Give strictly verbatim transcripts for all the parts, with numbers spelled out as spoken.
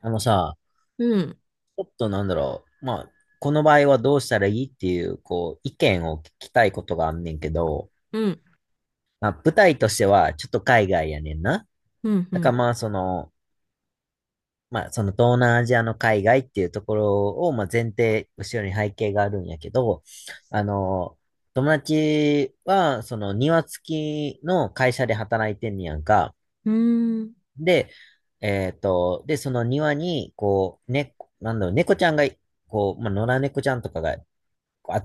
あのさ、うん、ちょっとなんだろう。まあ、この場合はどうしたらいいっていう、こう、意見を聞きたいことがあんねんけど、うん、まあ、舞台としてはちょっと海外やねんな。うん、うだからん、まあ、その、まあ、その東南アジアの海外っていうところを、まあ、前提、後ろに背景があるんやけど、あの、友達は、その庭付きの会社で働いてんねやんか。うん、で、えっと、で、その庭に、こう、ね、なんだろう、猫ちゃんが、こう、まあ、野良猫ちゃんとかが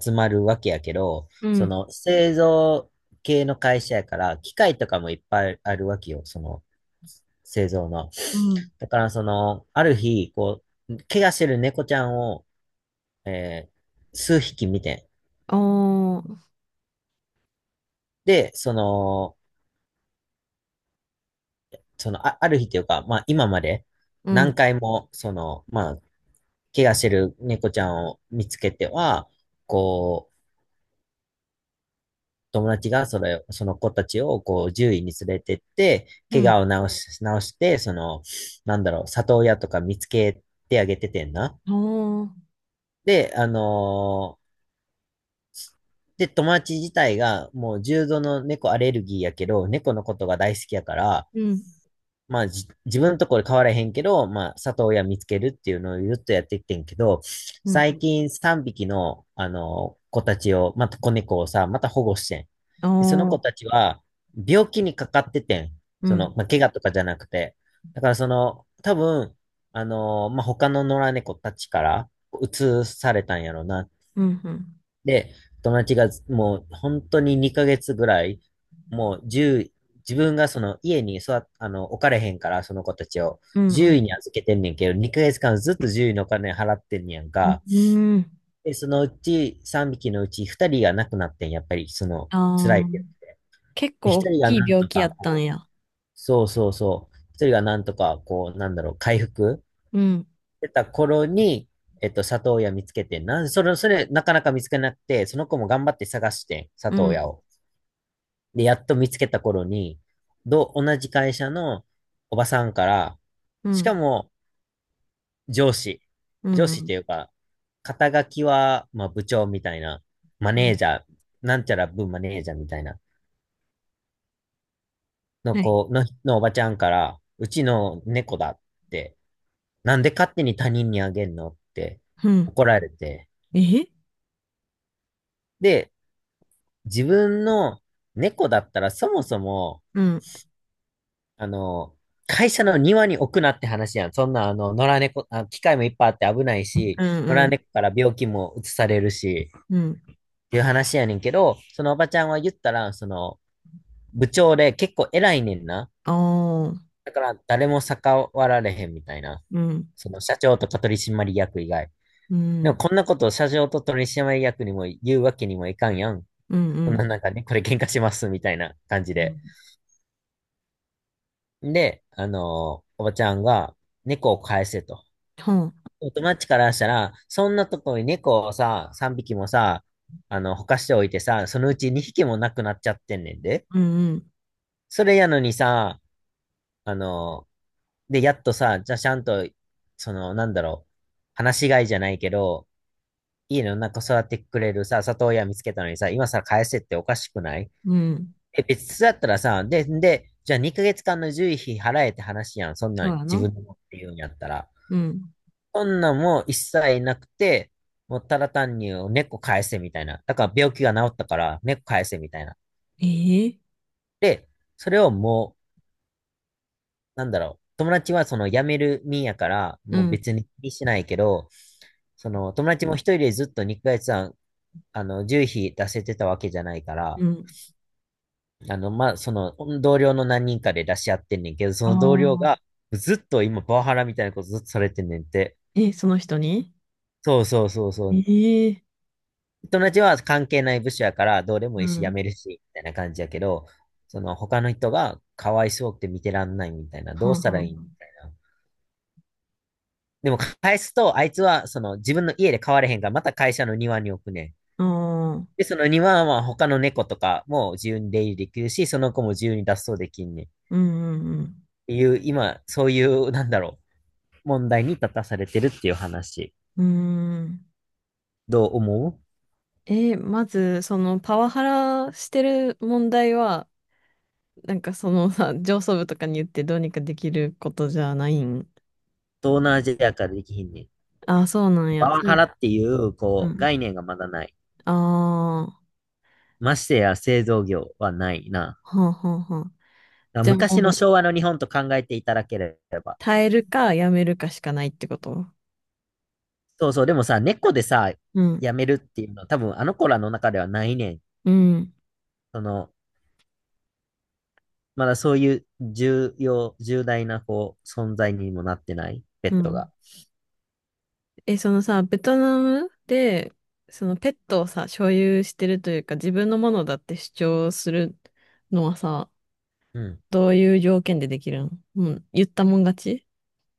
集まるわけやけど、うそん、の製造系の会社やから、機械とかもいっぱいあるわけよ、その製造の。うん、だからその、ある日、こう、怪我してる猫ちゃんを、えー数匹見て、ああ、で、その、その、あ、ある日というか、まあ今までう何ん、回も、その、まあ、怪我してる猫ちゃんを見つけては、こう、友達がそれ、その子たちをこう獣医に連れてって、う怪ん、我を治し、治して、その、なんだろう、里親とか見つけてあげててんな。ああ、で、あのーで、友達自体がもう重度の猫アレルギーやけど、猫のことが大好きやから、うん、まあ、じ、自分のところ変わらへんけど、まあ、里親見つけるっていうのをずっとやってきてんけど、う最ん、近さんびきの、あの、子たちを、また子猫をさ、また保護してん。あで、その子あ、たちは、病気にかかっててん。うその、ん、まあ、怪我とかじゃなくて。だから、その、多分、あの、まあ、他の野良猫たちから、移されたんやろな。うん、うん、で、友達がもう本当ににかげつぐらい、もういち自分がその家に育っあの、置かれへんから、その子たちをう獣ん、医に預けてんねんけど、にかげつかんずっと獣医のお金払ってんねやんうん、か。うん、で、そのうちさんびきのうちふたりが亡くなってん、やっぱりその辛いああ、って。結で、構大ひとりがきいなん病と気やかったんこう、や。そうそうそう、ひとりがなんとかこう、なんだろう、回復うん、してた頃に、えっと、里親見つけてんな、それ、それ、なかなか見つけなくて、その子も頑張って探してん、う里ん、親を。で、やっと見つけた頃に、ど、同じ会社のおばさんから、うしかん、も上司、う上司ってん、いうか、肩書きは、まあ部長みたいな、マうネん、ージャー、なんちゃら部マネージャーみたいな、のはい、子の、のおばちゃんから、うちの猫だって、なんで勝手に他人にあげんのってうん、怒られて、え、で、自分の猫だったらそもそも、うん、あの、会社の庭に置くなって話やん。そんな、あの、野良猫、あ、機械もいっぱいあって危ないうん、し、野う良ん、猫から病気も移されるし、うん、っていう話やねんけど、そのおばちゃんは言ったら、その、部長で結構偉いねんな。ああ、だから誰も逆らわれへんみたいな。うん、その社長とか取締役以外。うでもん、こんなことを社長と取締役にも言うわけにもいかんやん。うん、うそんなん、なんかね、これ喧嘩しますみたいな感じうで。ん、で、あの、おばちゃんが猫を返せと。はあ、友達からしたら、そんなとこに猫をさ、さんびきもさ、あの、ほかしておいてさ、そのうちにひきもなくなっちゃってんねんで。うん、うん、それやのにさ、あの、で、やっとさ、じゃあちゃんと、その、なんだろう、放し飼いじゃないけど、家の中育ってくれるさ、里親見つけたのにさ、今さ、返せっておかしくない？うん、え、別だったらさ、で、で、じゃあにかげつかんの獣医費払えって話やん、そんなそんうや自な。分で持って言うんやったら。うん、そんなんも一切なくて、もうただ単に猫返せみたいな。だから病気が治ったから猫返せみたいな。ええ、で、それをもう、なんだろう。友達はその辞める身やから、うもうん、別に気にしないけど、その友達も一人でずっとにかげつんあの、じゅう費出せてたわけじゃないかうら、ん。あの、まあ、その同僚の何人かで出し合ってんねんけど、そあの同僚があ。ずっと今パワハラみたいなことずっとされてんねんって。え、その人に？そうそうそうそう。ええ、友達は関係ない部署やからどうでもういいし辞ん。めるし、みたいな感じやけど、その他の人がかわいそうくて見てらんないみたいな、はどうんしたらはいいみん。たいな。でも返すと、あいつはその自分の家で飼われへんから、また会社の庭に置くねん。ああ。で、その庭は他の猫とかも自由に出入りできるし、その子も自由に脱走できんねん。っうん、うん、ていう、今、そういう、なんだろう、問題に立たされてるっていう話。うん。うーん。どう思う？えー、まず、そのパワハラしてる問題は、なんかそのさ、上層部とかに言ってどうにかできることじゃないん？東南アジアからできひんねん。ああ、そうなんパや。ワそハう、ラっていう、うこう、ん。概念がまだない。ああ。ましてや製造業はないな。はんはんはん。だからじゃあ昔ものう、昭和の日本と考えていただければ。耐えるかやめるかしかないってこと？そうそう、でもさ、猫でさ、うん。辞めるっていうのは多分あの子らの中ではないねん。うん。その、まだそういう重要、重大なこう存在にもなってない、ペうットが。ん。え、そのさ、ベトナムで、そのペットをさ、所有してるというか、自分のものだって主張するのはさ、うん。どういう条件でできるの？うん、言ったもん勝ち？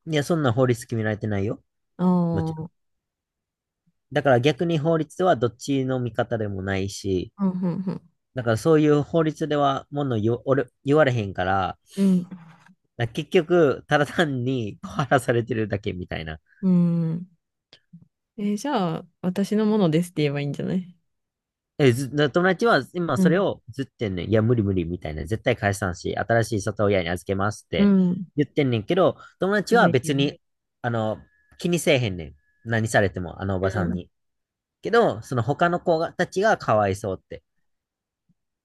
いや、そんな法律決められてないよ。もちろん。ああ、だから逆に法律はどっちの味方でもないし、うん、うん、だからそういう法律ではもの言わ言われへんから、うん。だから結局、ただ単に小らされてるだけみたいな。うん。うん。えー、じゃあ、私のものですって言えばいいんじゃない？え、ず、な友達は今うそれん、をずってんねん。いや、無理無理みたいな。絶対返さんし、新しい里親に預けますっうてん。言ってんねんけど、友達はでいい別よ。に、あの、気にせえへんねん。何されても、あのおばうさんん。に。けど、その他の子がたちがかわいそうって。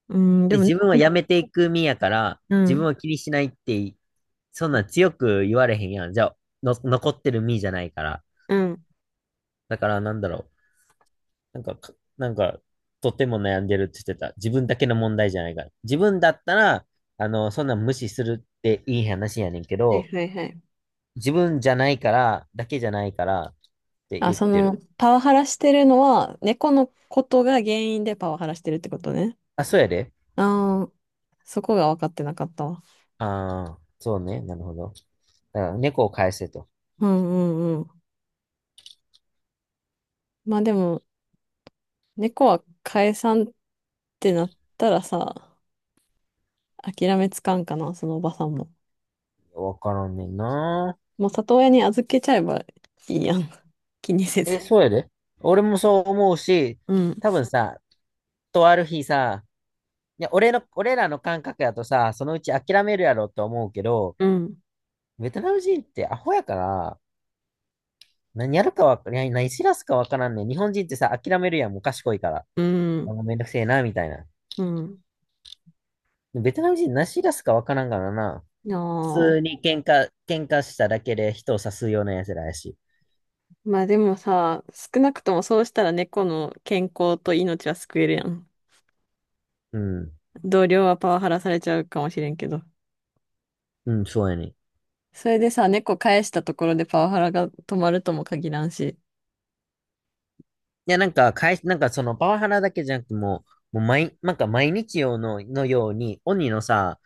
うん、でで、も自分は猫辞の、めていく身やから、う自分ん。は気にしないって、そんなん強く言われへんやん。じゃあ、の、残ってる身じゃないから。うん。だから、なんだろう。なんかか、なんか、とても悩んでるって言ってた。自分だけの問題じゃないから。自分だったら、あの、そんな無視するっていい話やねんけはいど、はいはい。自分じゃないから、だけじゃないからってあ、言っそての、る。パワハラしてるのは、猫のことが原因でパワハラしてるってことね。あ、そうやで。ああ、そこが分かってなかったわ。ああ、そうね。なるほど。だから猫を返せと。うん、うん、うん。まあでも、猫は解散ってなったらさ、諦めつかんかな、そのおばさんも。わからんねんな。もう里親に預けちゃえばいいやん。気にせず。え、そうやで。俺もそう思うし、うん、多分さ、とある日さ、いや、俺の、俺らの感覚やとさ、そのうち諦めるやろって思うけど、うん、ベトナム人ってアホやから、何やるかわか、何何知らすかわからんねん。日本人ってさ、諦めるやん、もう賢いから。うあん、もうめんどくせえな、みたいな。うん。ベトナム人何知らすかわからんからな。あ普通あ。に喧嘩、喧嘩しただけで人を刺すような奴らやし。まあでもさ、少なくともそうしたら猫の健康と命は救えるやん。うん。同僚はパワハラされちゃうかもしれんけど。うん、そうやね。いそれでさ、猫返したところでパワハラが止まるとも限らんし。や、なんか、かい、なんかそのパワハラだけじゃなくてもう、もう毎、なんか毎日用の、のように、鬼のさ、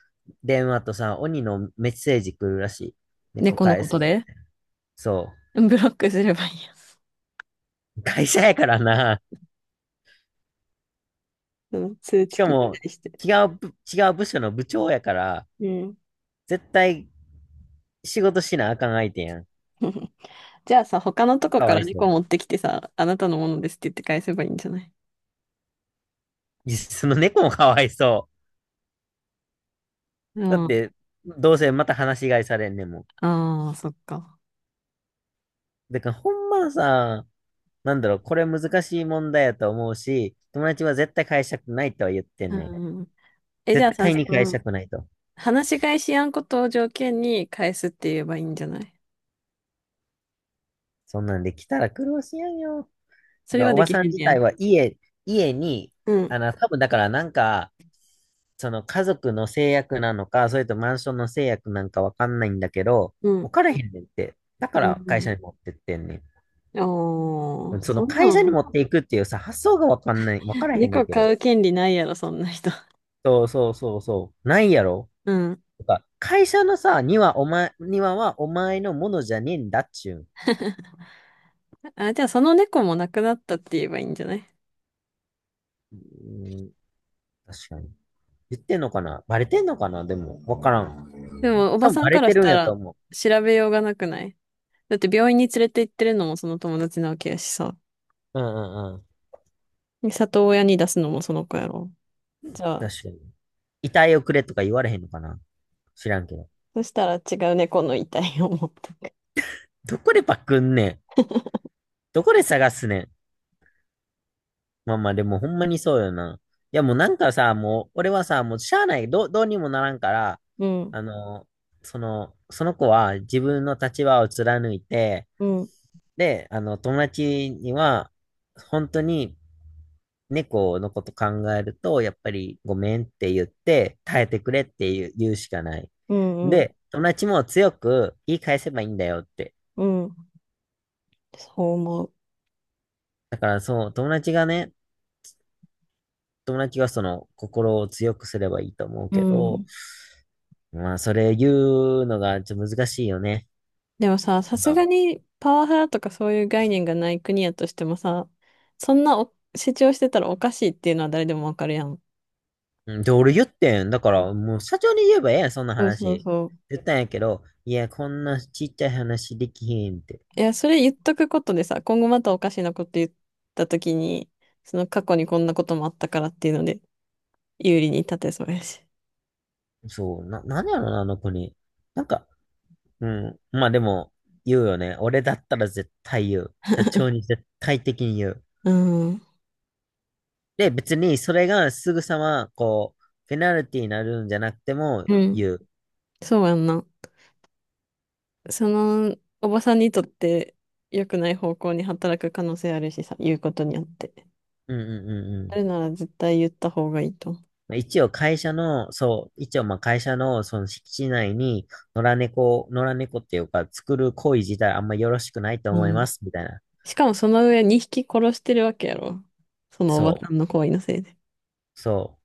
電話とさ、鬼のメッセージ来るらしい。猫猫の返こせ。とで？そブロックすればいいや。う。会社やからな。そ、通し知か切ったも、りして。違う部、違う部署の部長やから、うん。絶対仕事しなあかん相手やん。じゃあさ、他のとこかかわらいそ猫う。持ってきてさ、あなたのものですって言って返せばいいんじゃない？いやその猫もかわいそうう。だっん。て、どうせまた話し飼いされんねんもん。ああ、そっか。だからほんまさ、なんだろう、これ難しい問題やと思うし、友達は絶対返したくないとは言ってんうねん。ん。え、じゃあ絶さ、対そに返しの、たくないと。話し返しやんことを条件に返すって言えばいいんじゃない？そんなんで来たら苦労しやんよ。それはおでばきさんへん自ねや。体は家、家に、うん。あの、多分だからなんか、その家族の制約なのか、それとマンションの制約なんかわかんないんだけど、う置ん。かれへんねんって。だかうん。らう会ん、社に持ってってんねおー、ん。そのそんな会社にん、持っていくっていうさ、発想がわかんない、わからへんねん猫け飼ど。う権利ないやろ、そんな人。そうそうそうそう。ないやろうん。とか、会社のさ、庭お前、庭はお前のものじゃねえんだっちゅう。あ、じゃあその猫も亡くなったって言えばいいんじゃない？うん、確かに。言ってんのかなバレてんのかな、でも、わからん。でも、お多ば分さんバかレらてしるんたやとら思う。調べようがなくない？だって病院に連れて行ってるのもその友達なわけやしさ。うんうんうん。で里親に出すのもその子やろ。じゃあ、確かに。遺体をくれとか言われへんのかな、知らんけど。そしたら違う猫の遺体を持ってく。どこでパクんねん、どこで探すねん。まあまあでもほんまにそうよな。いやもうなんかさ、もう俺はさ、もうしゃあない。どう、どうにもならんから、うん、あの、その、その子は自分の立場を貫いて、うん、で、あの、友達には、本当に猫のこと考えると、やっぱりごめんって言って、耐えてくれって言う言うしかない。うん、うん、で、友達も強く言い返せばいいんだよって。うん。そう思う。だからそう、友達がね、友達がその心を強くすればいいと思ううけど、ん。まあそれ言うのがちょっと難しいよね。でもさ、さすがにパワハラとかそういう概念がない国やとしてもさ、そんなお主張してたらおかしいっていうのは誰でもわかるやん。うん、で、俺言ってん。だかうらん、もう社長に言えばええやん、そんなそうそう話。そう。言ったんやけど、いや、こんなちっちゃい話できへんって。いや、それ言っとくことでさ、今後またおかしなこと言ったときに、その過去にこんなこともあったからっていうので、有利に立てそうやし。そう、な、なんやろな、あの子に。なんか、うん。まあでも、言うよね。俺だったら絶対言う。社長に絶対的に言う。うん。で、別にそれがすぐさま、こう、ペナルティになるんじゃなくてもうん。言う。そうやんな。その、おばさんにとって良くない方向に働く可能性あるしさ、言うことによって。うんうんうんうあん。るなら絶対言った方がいいとまあ一応会社の、そう、一応まあ会社のその敷地内に野良猫、野良猫っていうか作る行為自体あんまよろしくないと思思う。いうん。ます、みたいな。しかもその上にひき殺してるわけやろ。そのおばそさんの行為のせいで。う、そう。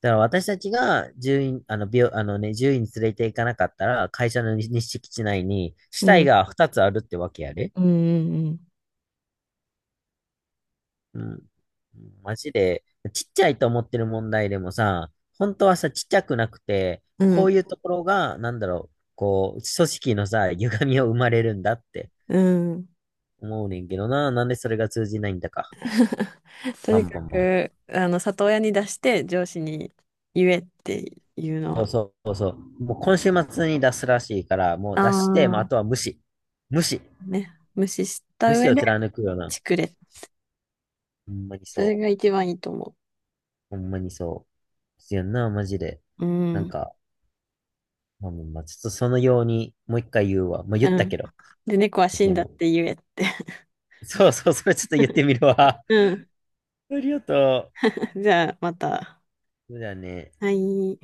だから私たちが獣医、あの、病、あのね、獣医に連れて行かなかったら、会社の日敷地内に死う体ん。がふたつあるってわけやで。うん、うん、うん。マジで、ちっちゃいと思ってる問題でもさ、本当はさ、ちっちゃくなくて、うこうん。いうところが、なんだろう、こう、組織のさ、歪みを生まれるんだってうん。うん。思うねんけどな、なんでそれが通じないんだか。とまあにかまあまあ。く、あの、里親に出して上司に言えっていうのそうは、そうそう。もう今週末に出すらしいから、もうあ出して、もうああ、とは無視。無視。ね、無視し無た上視をで貫くような。チクれ。ほんまにそれそがう。一番いいと思ほんまにそう。必要な、マジで。う。うなんん。か、まあ、まあちょっとそのように、もう一回言うわ。まあ、言うったけん。ど。で、猫は死ん君だっも。て言えって。そうそう、それちょっと言って みるわ。うん。ありがとじゃあ、また。う。そうだね。はい。